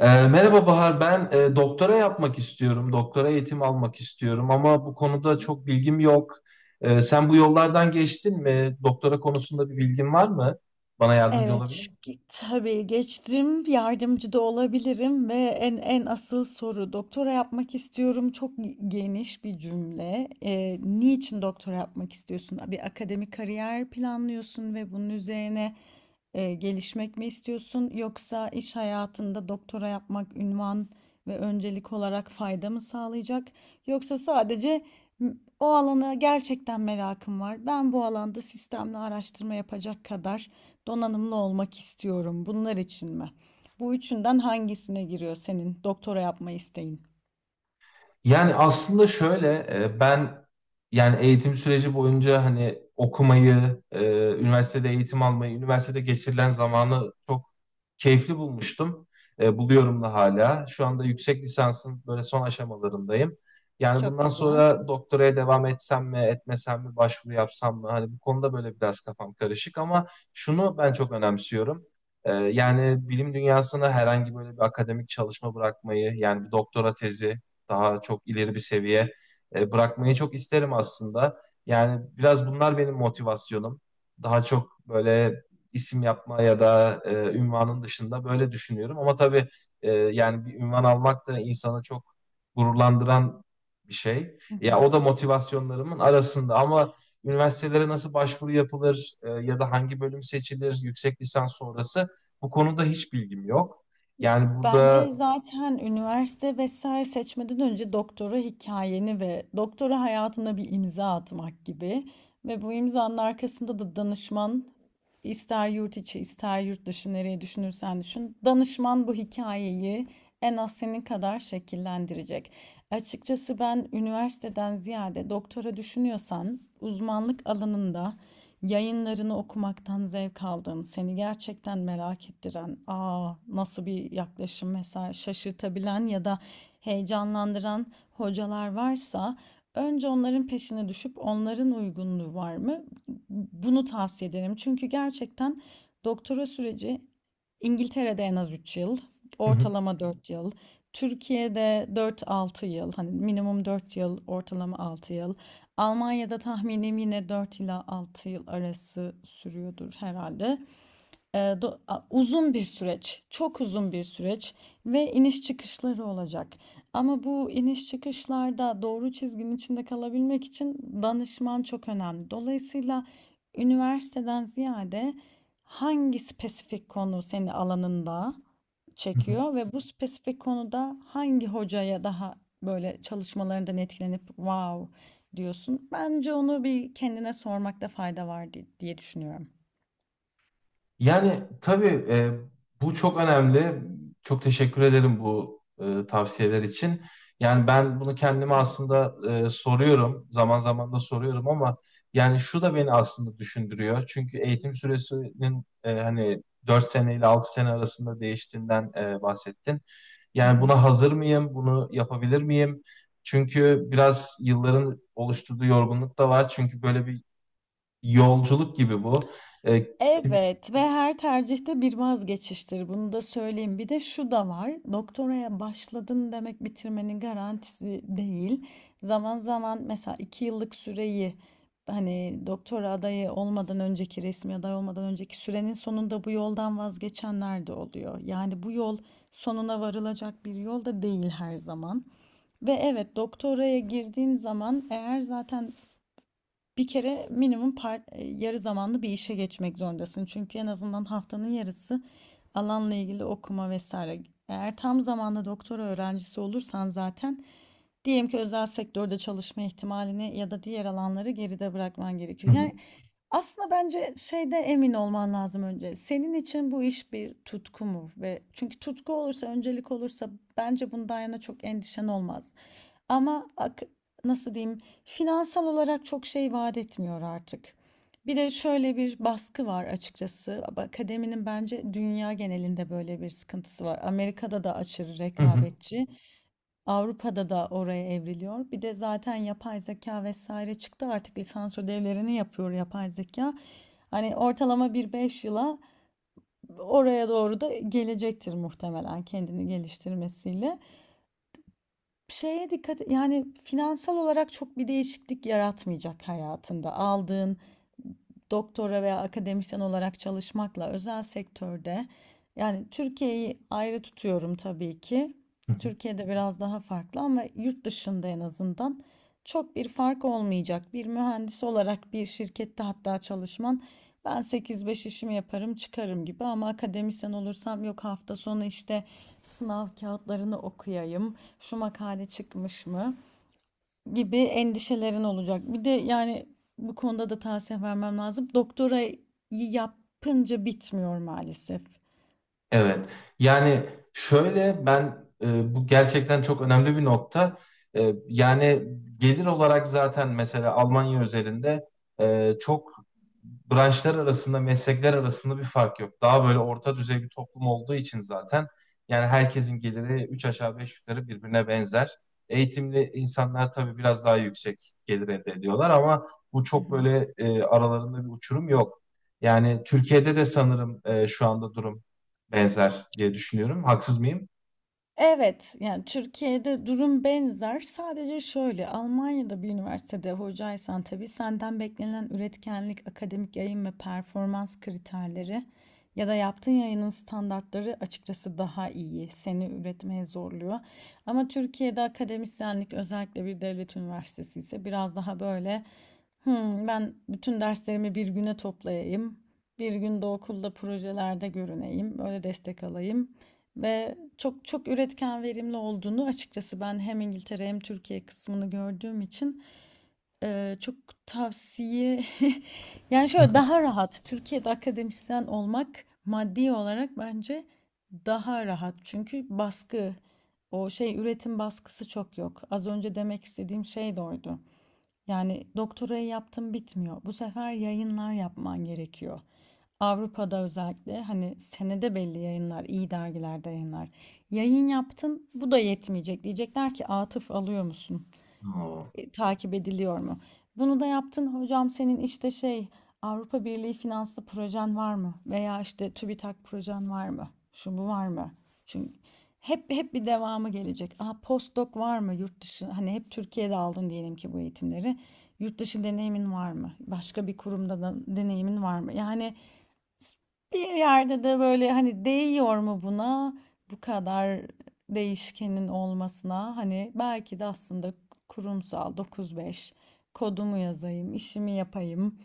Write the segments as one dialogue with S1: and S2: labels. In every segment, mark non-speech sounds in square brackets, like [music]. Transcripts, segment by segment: S1: Merhaba Bahar, ben doktora yapmak istiyorum, doktora eğitim almak istiyorum ama bu konuda
S2: Hı.
S1: çok bilgim yok. Sen bu yollardan geçtin mi? Doktora konusunda bir bilgin var mı? Bana yardımcı
S2: Evet,
S1: olabilir.
S2: tabii geçtim, yardımcı da olabilirim ve en asıl soru doktora yapmak istiyorum. Çok geniş bir cümle. Niçin doktora yapmak istiyorsun? Bir akademik kariyer planlıyorsun ve bunun üzerine gelişmek mi istiyorsun? Yoksa iş hayatında doktora yapmak ünvan ve öncelik olarak fayda mı sağlayacak? Yoksa sadece "M- o alana gerçekten merakım var. Ben bu alanda sistemli araştırma yapacak kadar donanımlı olmak istiyorum. Bunlar için mi? Bu üçünden hangisine giriyor senin doktora yapma isteğin?
S1: Yani aslında şöyle, ben, yani eğitim süreci boyunca hani okumayı, üniversitede eğitim almayı, üniversitede geçirilen zamanı çok keyifli bulmuştum. Buluyorum da hala. Şu anda yüksek lisansın böyle son aşamalarındayım. Yani
S2: Çok
S1: bundan
S2: güzel.
S1: sonra doktoraya devam etsem mi, etmesem mi, başvuru yapsam mı? Hani bu konuda böyle biraz kafam karışık ama şunu ben çok önemsiyorum. Yani bilim dünyasına herhangi böyle bir akademik çalışma bırakmayı, yani bir doktora tezi, daha çok ileri bir seviye, bırakmayı çok isterim aslında. Yani biraz bunlar benim motivasyonum. Daha çok böyle isim yapma ya da ünvanın dışında böyle düşünüyorum. Ama tabii, yani bir ünvan almak da insanı çok gururlandıran bir şey.
S2: Hı
S1: Ya
S2: hı.
S1: o da motivasyonlarımın arasında ama üniversitelere nasıl başvuru yapılır, ya da hangi bölüm seçilir yüksek lisans sonrası, bu konuda hiç bilgim yok. Yani burada
S2: Bence zaten üniversite vesaire seçmeden önce doktora hikayeni ve doktora hayatına bir imza atmak gibi ve bu imzanın arkasında da danışman, ister yurt içi ister yurt dışı nereye düşünürsen düşün, danışman bu hikayeyi en az senin kadar şekillendirecek. Açıkçası ben üniversiteden ziyade doktora düşünüyorsan uzmanlık alanında yayınlarını okumaktan zevk aldım. Seni gerçekten merak ettiren, aa, nasıl bir yaklaşım mesela, şaşırtabilen ya da heyecanlandıran hocalar varsa önce onların peşine düşüp onların uygunluğu var mı, bunu tavsiye ederim. Çünkü gerçekten doktora süreci İngiltere'de en az 3 yıl, ortalama 4 yıl. Türkiye'de dört-altı yıl. Hani minimum 4 yıl, ortalama 6 yıl. Almanya'da tahminim yine 4 ila 6 yıl arası sürüyordur herhalde. Uzun bir süreç, çok uzun bir süreç ve iniş çıkışları olacak. Ama bu iniş çıkışlarda doğru çizginin içinde kalabilmek için danışman çok önemli. Dolayısıyla üniversiteden ziyade hangi spesifik konu seni alanında
S1: [laughs]
S2: çekiyor ve bu spesifik konuda hangi hocaya daha böyle, çalışmalarından etkilenip wow diyorsun. Bence onu bir kendine sormakta fayda var diye düşünüyorum.
S1: yani tabii, bu çok önemli. Çok teşekkür ederim bu tavsiyeler için. Yani ben bunu kendime
S2: Güzel.
S1: aslında, soruyorum. Zaman zaman da soruyorum ama yani şu da beni aslında düşündürüyor. Çünkü eğitim süresinin, hani 4 sene ile 6 sene arasında değiştiğinden, bahsettin.
S2: Hı
S1: Yani
S2: hı.
S1: buna hazır mıyım? Bunu yapabilir miyim? Çünkü biraz yılların oluşturduğu yorgunluk da var. Çünkü böyle bir yolculuk gibi bu. E,
S2: Evet, ve her tercihte bir vazgeçiştir. Bunu da söyleyeyim. Bir de şu da var. Doktoraya başladın demek bitirmenin garantisi değil. Zaman zaman mesela iki yıllık süreyi, hani doktora adayı olmadan önceki, resmi aday olmadan önceki sürenin sonunda bu yoldan vazgeçenler de oluyor. Yani bu yol sonuna varılacak bir yol da değil her zaman. Ve evet, doktoraya girdiğin zaman eğer zaten bir kere minimum yarı zamanlı bir işe geçmek zorundasın. Çünkü en azından haftanın yarısı alanla ilgili okuma vesaire. Eğer tam zamanlı doktora öğrencisi olursan zaten diyelim ki özel sektörde çalışma ihtimalini ya da diğer alanları geride bırakman gerekiyor.
S1: Hı
S2: Yani aslında bence şeyde emin olman lazım önce. Senin için bu iş bir tutku mu? Ve çünkü tutku olursa, öncelik olursa bence bundan yana çok endişen olmaz. Ama nasıl diyeyim, finansal olarak çok şey vaat etmiyor artık. Bir de şöyle bir baskı var açıkçası. Akademinin bence dünya genelinde böyle bir sıkıntısı var. Amerika'da da aşırı
S1: hı, hı
S2: rekabetçi, Avrupa'da da oraya evriliyor. Bir de zaten yapay zeka vesaire çıktı. Artık lisans ödevlerini yapıyor yapay zeka. Hani ortalama bir 5 yıla oraya doğru da gelecektir muhtemelen, kendini geliştirmesiyle. Şeye dikkat, yani finansal olarak çok bir değişiklik yaratmayacak hayatında aldığın doktora veya akademisyen olarak çalışmakla özel sektörde. Yani Türkiye'yi ayrı tutuyorum tabii ki.
S1: hı.
S2: Türkiye'de biraz daha farklı ama yurt dışında en azından çok bir fark olmayacak. Bir mühendis olarak bir şirkette hatta çalışman, ben sekiz beş işimi yaparım çıkarım gibi, ama akademisyen olursam yok hafta sonu işte sınav kağıtlarını okuyayım, şu makale çıkmış mı gibi endişelerin olacak. Bir de yani bu konuda da tavsiye vermem lazım. Doktorayı yapınca bitmiyor maalesef.
S1: Evet. Yani şöyle, ben, bu gerçekten çok önemli bir nokta. Yani gelir olarak zaten mesela Almanya özelinde, çok, branşlar arasında, meslekler arasında bir fark yok. Daha böyle orta düzey bir toplum olduğu için zaten yani herkesin geliri üç aşağı beş yukarı birbirine benzer. Eğitimli insanlar tabii biraz daha yüksek gelir elde ediyorlar ama bu
S2: Hı
S1: çok
S2: hı.
S1: böyle, aralarında bir uçurum yok. Yani Türkiye'de de sanırım, şu anda durum benzer diye düşünüyorum. Haksız mıyım?
S2: Evet, yani Türkiye'de durum benzer. Sadece şöyle, Almanya'da bir üniversitede hocaysan tabii senden beklenen üretkenlik, akademik yayın ve performans kriterleri ya da yaptığın yayının standartları açıkçası daha iyi. Seni üretmeye zorluyor. Ama Türkiye'de akademisyenlik, özellikle bir devlet üniversitesi ise, biraz daha böyle "Hmm, ben bütün derslerimi bir güne toplayayım. Bir günde okulda projelerde görüneyim, böyle destek alayım." Ve çok çok üretken verimli olduğunu, açıkçası ben hem İngiltere hem Türkiye kısmını gördüğüm için, çok tavsiye [laughs] yani şöyle, daha
S1: [laughs]
S2: rahat Türkiye'de akademisyen olmak maddi olarak, bence daha rahat, çünkü baskı, o şey, üretim baskısı çok yok. Az önce demek istediğim şey de oydu. Yani doktorayı yaptım, bitmiyor. Bu sefer yayınlar yapman gerekiyor. Avrupa'da özellikle, hani, senede belli yayınlar, iyi dergilerde yayınlar. Yayın yaptın, bu da yetmeyecek. Diyecekler ki atıf alıyor musun?
S1: Oo.
S2: Takip ediliyor mu? Bunu da yaptın hocam, senin işte şey, Avrupa Birliği finanslı projen var mı? Veya işte TÜBİTAK projen var mı? Şu bu var mı? Çünkü hep hep bir devamı gelecek. Aa, postdoc var mı yurt dışı? Hani hep Türkiye'de aldın diyelim ki bu eğitimleri. Yurt dışı deneyimin var mı? Başka bir kurumda da deneyimin var mı? Yani bir yerde de böyle hani değiyor mu buna, bu kadar değişkenin olmasına? Hani belki de aslında kurumsal 9-5 kodumu yazayım, işimi yapayım.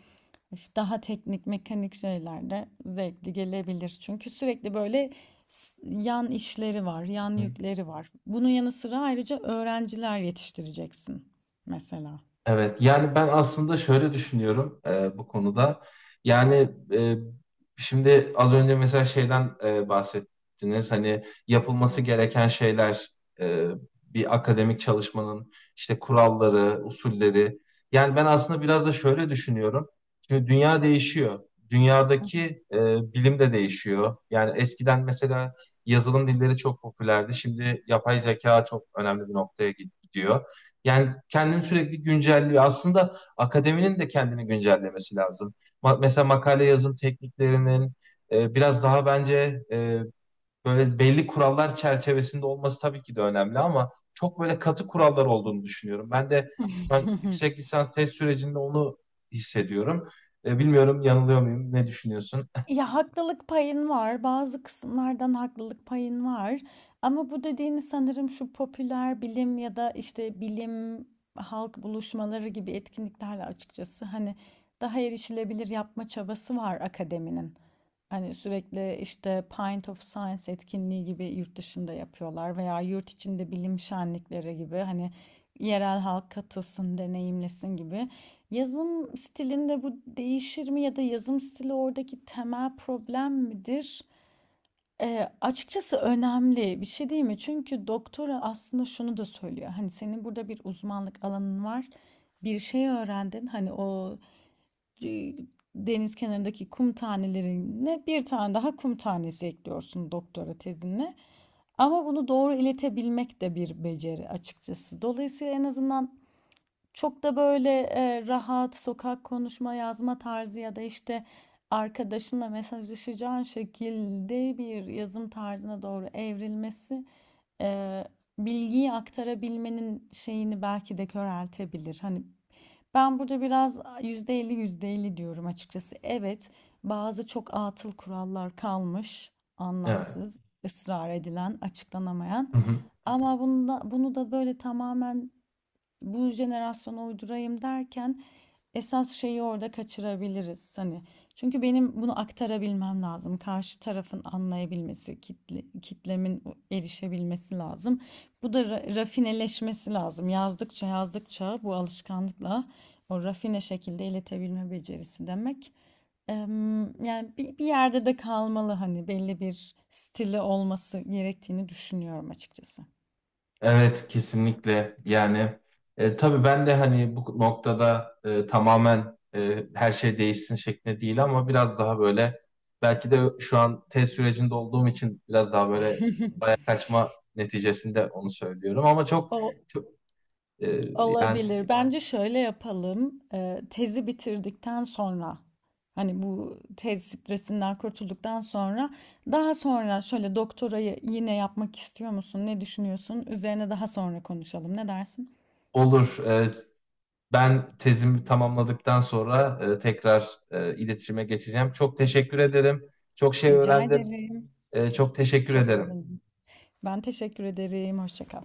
S2: İşte daha teknik mekanik şeyler de zevkli gelebilir. Çünkü sürekli böyle yan işleri var, yan yükleri var. Bunun yanı sıra ayrıca öğrenciler yetiştireceksin mesela.
S1: Evet, yani ben aslında şöyle düşünüyorum, bu konuda. Yani e, şimdi az önce mesela şeyden bahsettiniz. Hani yapılması gereken şeyler, e, bir akademik çalışmanın işte kuralları, usulleri. Yani ben aslında biraz da şöyle düşünüyorum. Şimdi dünya değişiyor. Dünyadaki, bilim de değişiyor. Yani eskiden mesela yazılım dilleri çok popülerdi. Şimdi yapay zeka çok önemli bir noktaya gidiyor. Yani kendini sürekli güncelliyor. Aslında akademinin de kendini güncellemesi lazım. Mesela makale yazım tekniklerinin, biraz daha bence, böyle belli kurallar çerçevesinde olması tabii ki de önemli ama çok böyle katı kurallar olduğunu düşünüyorum. Ben de şu an
S2: [laughs]
S1: yüksek lisans test sürecinde onu hissediyorum. Bilmiyorum, yanılıyor muyum? Ne düşünüyorsun?
S2: Ya, haklılık payın var. Bazı kısımlardan haklılık payın var. Ama bu dediğini sanırım şu popüler bilim ya da, işte, bilim, halk buluşmaları gibi etkinliklerle, açıkçası, hani, daha erişilebilir yapma çabası var akademinin. Hani, sürekli, işte, Pint of Science etkinliği gibi yurt dışında yapıyorlar veya yurt içinde bilim şenlikleri gibi, hani, yerel halk katılsın, deneyimlesin gibi. Yazım stilinde bu değişir mi ya da yazım stili oradaki temel problem midir? Açıkçası önemli bir şey değil mi? Çünkü doktora aslında şunu da söylüyor. Hani senin burada bir uzmanlık alanın var. Bir şey öğrendin. Hani o, e, deniz kenarındaki kum tanelerine bir tane daha kum tanesi ekliyorsun doktora tezinle. Ama bunu doğru iletebilmek de bir beceri açıkçası. Dolayısıyla en azından çok da böyle rahat sokak konuşma yazma tarzı ya da işte arkadaşınla mesajlaşacağın şekilde bir yazım tarzına doğru evrilmesi e, bilgiyi aktarabilmenin şeyini belki de köreltebilir. Hani ben burada biraz %50 %50 diyorum açıkçası. Evet, bazı çok atıl kurallar kalmış,
S1: Evet.
S2: anlamsız, ısrar edilen, açıklanamayan.
S1: Hı hı.
S2: Ama bunu da, bunu da böyle tamamen bu jenerasyona uydurayım derken esas şeyi orada kaçırabiliriz hani. Çünkü benim bunu aktarabilmem lazım. Karşı tarafın anlayabilmesi, kitlemin erişebilmesi lazım. Bu da rafineleşmesi lazım. Yazdıkça yazdıkça bu alışkanlıkla o rafine şekilde iletebilme becerisi demek. Yani bir yerde de kalmalı, hani belli bir stili olması gerektiğini düşünüyorum açıkçası.
S1: Evet, kesinlikle, yani tabii ben de hani bu noktada, tamamen, her şey değişsin şeklinde değil ama biraz daha böyle, belki de şu an tez sürecinde olduğum için biraz daha böyle bayağı
S2: [laughs]
S1: kaçma neticesinde onu söylüyorum ama çok
S2: O
S1: çok, e, yani
S2: Olabilir. Bence şöyle yapalım. Tezi bitirdikten sonra, hani bu tez stresinden kurtulduktan sonra, daha sonra şöyle doktorayı yine yapmak istiyor musun? Ne düşünüyorsun? Üzerine daha sonra konuşalım. Ne dersin?
S1: olur. Ben tezimi tamamladıktan sonra, tekrar, iletişime geçeceğim. Çok teşekkür ederim. Çok şey
S2: Rica
S1: öğrendim.
S2: ederim.
S1: Çok teşekkür ederim.
S2: Ben teşekkür ederim. Hoşça kal.